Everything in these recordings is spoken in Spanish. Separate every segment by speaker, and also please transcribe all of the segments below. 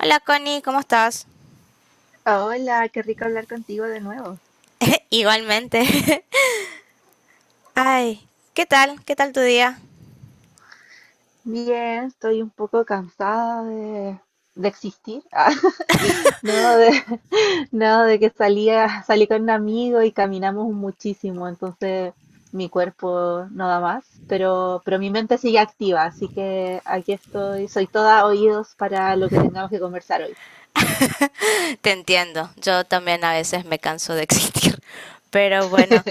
Speaker 1: Hola Connie, ¿cómo estás?
Speaker 2: Hola, qué rico hablar contigo de nuevo.
Speaker 1: Igualmente. Ay, ¿qué tal? ¿Qué tal tu día?
Speaker 2: Bien, estoy un poco cansada de existir. Ah, no, de, no, de que salí con un amigo y caminamos muchísimo, entonces mi cuerpo no da más, pero mi mente sigue activa, así que aquí estoy, soy toda oídos para lo que tengamos que conversar hoy.
Speaker 1: Te entiendo, yo también a veces me canso de existir. Pero bueno,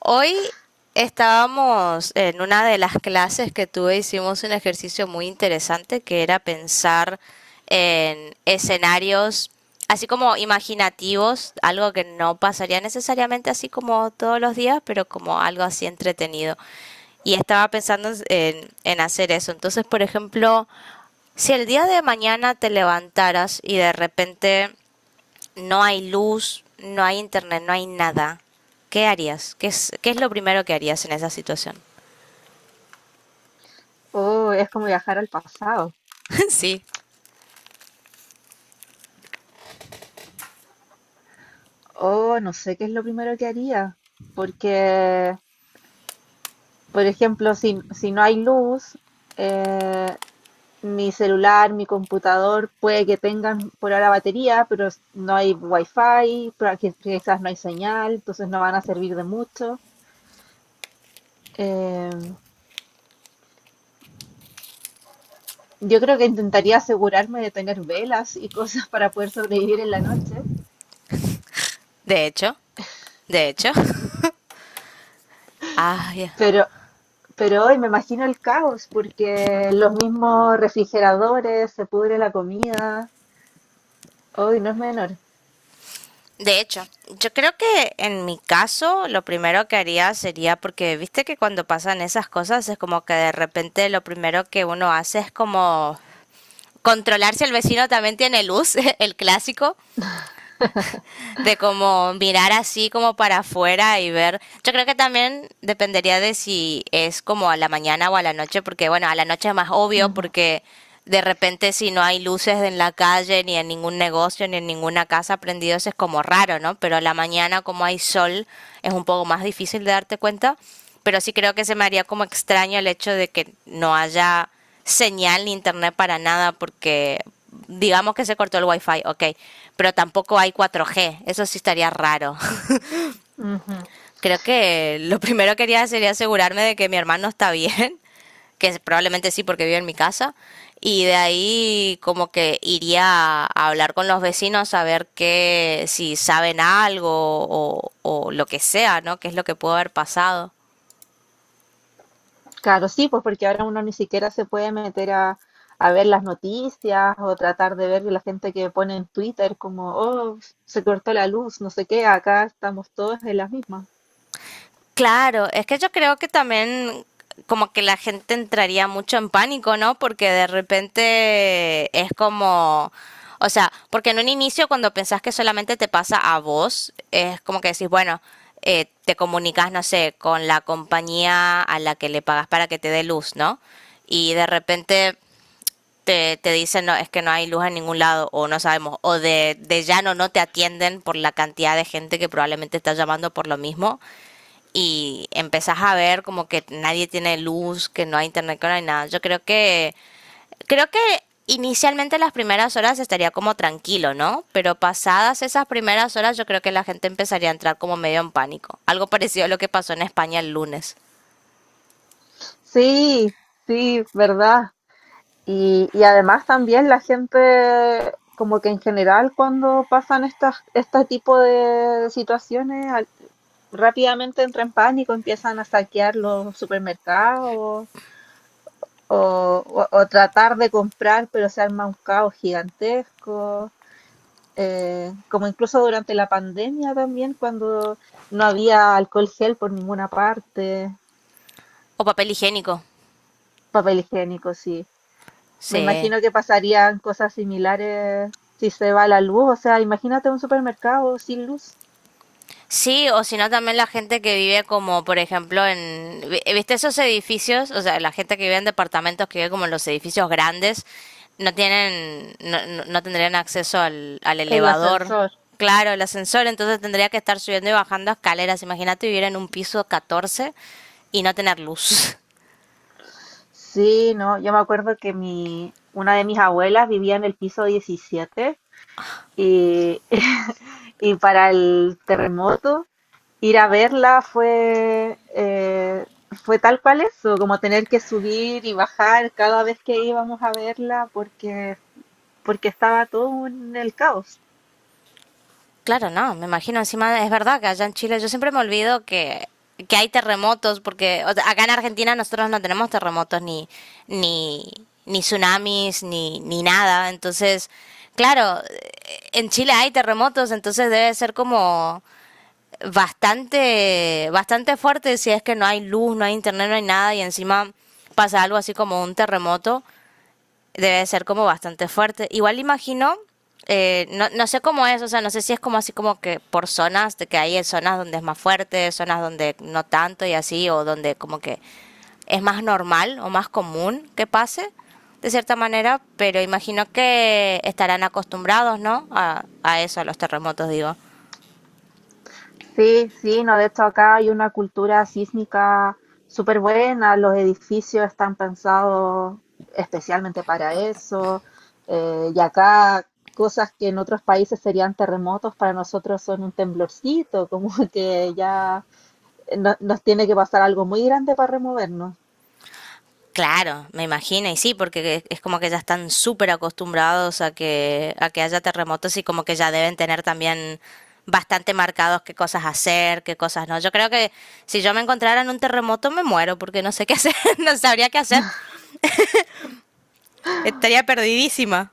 Speaker 1: hoy estábamos en una de las clases que tuve, hicimos un ejercicio muy interesante que era pensar en escenarios así como imaginativos, algo que no pasaría necesariamente así como todos los días, pero como algo así entretenido. Y estaba pensando en hacer eso. Entonces, por ejemplo, si el día de mañana te levantaras y de repente no hay luz, no hay internet, no hay nada, ¿qué harías? ¿Qué es lo primero que harías en esa situación?
Speaker 2: Oh, es como viajar al pasado.
Speaker 1: Sí,
Speaker 2: Oh, no sé qué es lo primero que haría, porque, por ejemplo, si no hay luz, eh, mi celular, mi computador, puede que tengan por ahora batería, pero no hay wifi, pero aquí quizás no hay señal, entonces no van a servir de mucho. Em, yo creo que intentaría asegurarme de tener velas y cosas para poder sobrevivir en la noche,
Speaker 1: de hecho, de hecho. Ah, ay,
Speaker 2: pero, pero hoy me imagino el caos, porque los mismos refrigeradores, se pudre la comida, hoy no es menor.
Speaker 1: de hecho, yo creo que en mi caso lo primero que haría sería porque viste que cuando pasan esas cosas es como que de repente lo primero que uno hace es como controlar si el vecino también tiene luz, el clásico. De como mirar así como para afuera y ver. Yo creo que también dependería de si es como a la mañana o a la noche, porque bueno, a la noche es más obvio
Speaker 2: Ujú,
Speaker 1: porque de repente si no hay luces en la calle, ni en ningún negocio, ni en ninguna casa prendidos, es como raro, ¿no? Pero a la mañana como hay sol es un poco más difícil de darte cuenta, pero sí creo que se me haría como extraño el hecho de que no haya señal ni internet para nada porque digamos que se cortó el wifi, ok, pero tampoco hay 4G, eso sí estaría raro.
Speaker 2: ujú.
Speaker 1: Creo que lo primero que quería sería asegurarme de que mi hermano está bien, que probablemente sí porque vive en mi casa, y de ahí como que iría a hablar con los vecinos a ver que si saben algo o lo que sea, ¿no? ¿Qué es lo que pudo haber pasado?
Speaker 2: Claro, sí, pues porque ahora uno ni siquiera se puede meter a ver las noticias o tratar de ver la gente que pone en Twitter como, oh, se cortó la luz, no sé qué, acá estamos todos en las mismas.
Speaker 1: Claro, es que yo creo que también como que la gente entraría mucho en pánico, ¿no? Porque de repente es como, o sea, porque en un inicio cuando pensás que solamente te pasa a vos, es como que decís, bueno, te comunicas, no sé, con la compañía a la que le pagas para que te dé luz, ¿no? Y de repente te dicen, no, es que no hay luz en ningún lado, o no sabemos, o de llano no te atienden por la cantidad de gente que probablemente está llamando por lo mismo y empezás a ver como que nadie tiene luz, que no hay internet, que no hay nada. Creo que inicialmente las primeras horas estaría como tranquilo, ¿no? Pero pasadas esas primeras horas yo creo que la gente empezaría a entrar como medio en pánico. Algo parecido a lo que pasó en España el lunes.
Speaker 2: Sí, sí, verdad. Y además también la gente, como que en general cuando pasan estas, este tipo de situaciones, rápidamente entra en pánico, empiezan a saquear los supermercados o tratar de comprar, pero se arma un caos gigantesco, como incluso durante la pandemia también, cuando no había alcohol gel por ninguna parte,
Speaker 1: O papel higiénico.
Speaker 2: papel higiénico, sí. Me
Speaker 1: Sí.
Speaker 2: imagino que pasarían cosas similares si se va la luz, o sea, imagínate un supermercado sin luz,
Speaker 1: Sí, o si no también la gente que vive como, por ejemplo, en, viste esos edificios, o sea, la gente que vive en departamentos que vive como en los edificios grandes, no tienen, no, no- no tendrían acceso al
Speaker 2: el
Speaker 1: elevador,
Speaker 2: ascensor.
Speaker 1: claro, el ascensor, entonces tendría que estar subiendo y bajando escaleras. Imagínate vivir en un piso 14 y no tener luz.
Speaker 2: Sí, no, yo me acuerdo que mi, una de mis abuelas vivía en el piso 17 y, y para el terremoto ir a verla fue tal cual eso, como tener que subir y bajar cada vez que íbamos a verla porque estaba todo en el caos.
Speaker 1: Claro, no, me imagino encima, es verdad que allá en Chile yo siempre me olvido que hay terremotos, porque o sea, acá en Argentina nosotros no tenemos terremotos ni, ni tsunamis, ni nada, entonces, claro, en Chile hay terremotos, entonces debe ser como bastante fuerte si es que no hay luz, no hay internet, no hay nada y encima pasa algo así como un terremoto debe ser como bastante fuerte. Igual imagino, no sé cómo es, o sea, no sé si es como así como que por zonas, de que hay zonas donde es más fuerte, zonas donde no tanto y así, o donde como que es más normal o más común que pase, de cierta manera, pero imagino que estarán acostumbrados, ¿no? A eso, a los terremotos, digo.
Speaker 2: Sí, sí, no, de hecho acá hay una cultura sísmica súper buena, los edificios están pensados especialmente para eso, y acá cosas que en otros países serían terremotos, para nosotros son un temblorcito, como que ya nos tiene que pasar algo muy grande para removernos.
Speaker 1: Claro, me imagino, y sí, porque es como que ya están súper acostumbrados a que haya terremotos y como que ya deben tener también bastante marcados qué cosas hacer, qué cosas no. Yo creo que si yo me encontrara en un terremoto me muero porque no sé qué hacer, no sabría qué hacer, estaría perdidísima.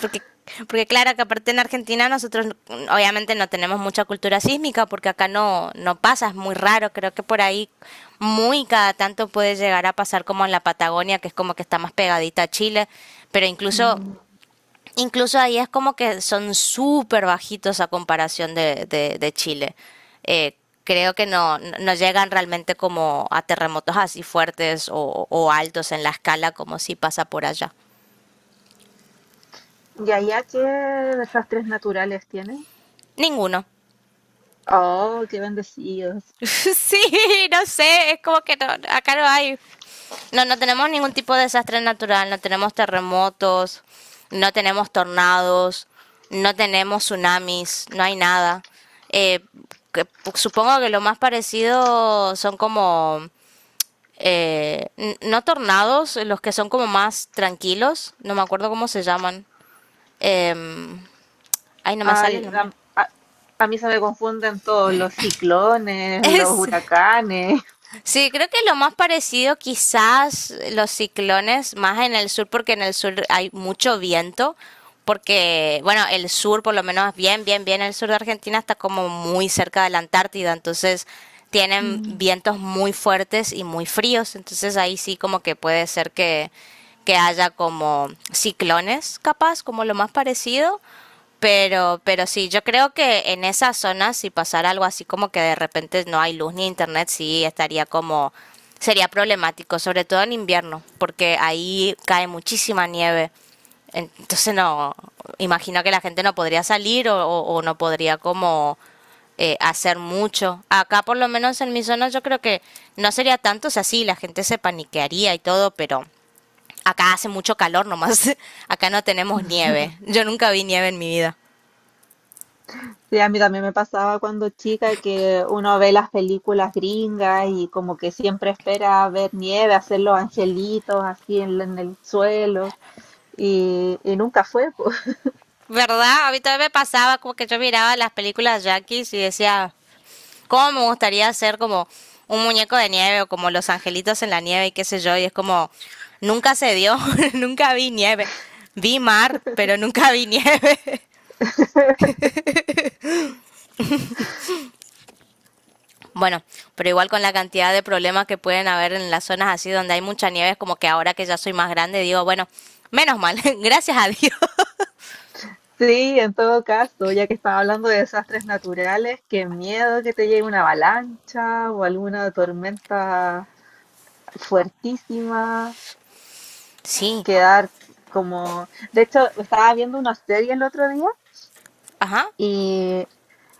Speaker 1: porque Porque claro que aparte en Argentina nosotros obviamente no tenemos mucha cultura sísmica porque acá no pasa, es muy raro, creo que por ahí muy cada tanto puede llegar a pasar como en la Patagonia, que es como que está más pegadita a Chile, pero incluso,
Speaker 2: Mm.
Speaker 1: incluso ahí es como que son súper bajitos a comparación de Chile. Eh, creo que no llegan realmente como a terremotos así fuertes o altos en la escala como si pasa por allá.
Speaker 2: ¿Y allá qué desastres naturales tienen?
Speaker 1: Ninguno.
Speaker 2: Oh, qué bendecidos.
Speaker 1: Sí, no sé, es como que no, acá no hay. No tenemos ningún tipo de desastre natural, no tenemos terremotos, no tenemos tornados, no tenemos tsunamis, no hay nada. Eh, que- supongo que lo más parecido son como... no tornados, los que son como más tranquilos, no me acuerdo cómo se llaman. Em, ay, no me sale el
Speaker 2: Ay,
Speaker 1: nombre.
Speaker 2: a mí se me confunden todos los ciclones, los
Speaker 1: Es,
Speaker 2: huracanes.
Speaker 1: sí, creo que lo más parecido quizás los ciclones, más en el sur, porque en el sur hay mucho viento, porque, bueno, el sur, por lo menos bien, el sur de Argentina está como muy cerca de la Antártida, entonces tienen
Speaker 2: Mm.
Speaker 1: vientos muy fuertes y muy fríos, entonces ahí sí como que puede ser que haya como ciclones, capaz, como lo más parecido, pero sí, yo creo que en esa zona, si pasara algo así como que de repente no hay luz ni internet, sí estaría como, sería problemático, sobre todo en invierno, porque ahí cae muchísima nieve. Entonces no, imagino que la gente no podría salir o no podría como hacer mucho. Acá por lo menos en mi zona yo creo que no sería tanto, o sea, sí, la gente se paniquearía y todo, pero acá hace mucho calor nomás, acá no tenemos nieve, yo nunca vi nieve en mi vida.
Speaker 2: Sí, a mí también me pasaba cuando chica que uno ve las películas gringas y como que siempre espera ver nieve, hacer los angelitos así en el suelo y nunca fue.
Speaker 1: ¿Verdad? A mí también me pasaba como que yo miraba las películas yankees y decía, ¿cómo me gustaría ser como un muñeco de nieve o como los angelitos en la nieve y qué sé yo? Y es como, nunca se dio, nunca vi nieve. Vi mar, pero nunca vi nieve. Bueno, pero igual con la cantidad de problemas que pueden haber en las zonas así donde hay mucha nieve, es como que ahora que ya soy más grande digo, bueno, menos mal, gracias a Dios.
Speaker 2: Sí, en todo caso, ya que estaba hablando de desastres naturales, qué miedo que te llegue una avalancha o alguna tormenta fuertísima,
Speaker 1: Sí,
Speaker 2: quedar como... De hecho, estaba viendo una serie el otro día
Speaker 1: ajá.
Speaker 2: y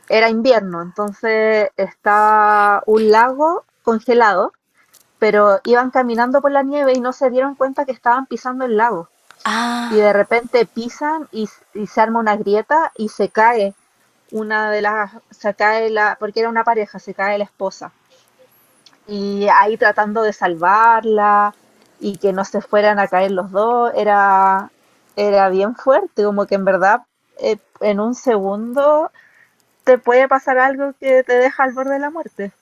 Speaker 2: era invierno, entonces estaba un lago congelado, pero iban caminando por la nieve y no se dieron cuenta que estaban pisando el lago. Y de repente pisan y se arma una grieta y se cae una de las, se cae la, porque era una pareja, se cae la esposa. Y ahí tratando de salvarla y que no se fueran a caer los dos, era bien fuerte, como que en verdad en un segundo te puede pasar algo que te deja al borde de la muerte.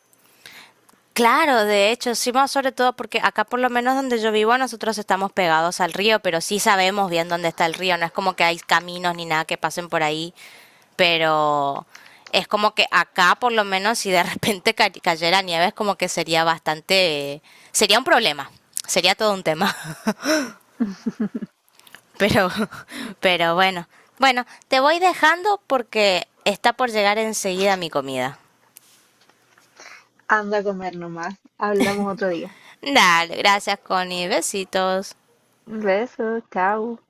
Speaker 1: Claro, de hecho, sí, más sobre todo porque acá por lo menos donde yo vivo nosotros estamos pegados al río, pero sí sabemos bien dónde está el río, no es como que hay caminos ni nada que pasen por ahí, pero es como que acá por lo menos si de repente cayera nieve es como que sería bastante, sería un problema, sería todo un tema, pero, pero bueno, bueno, te voy dejando porque está por llegar enseguida mi comida.
Speaker 2: Anda a comer nomás, hablamos otro día.
Speaker 1: Dale, gracias Connie, besitos.
Speaker 2: Besos, chao.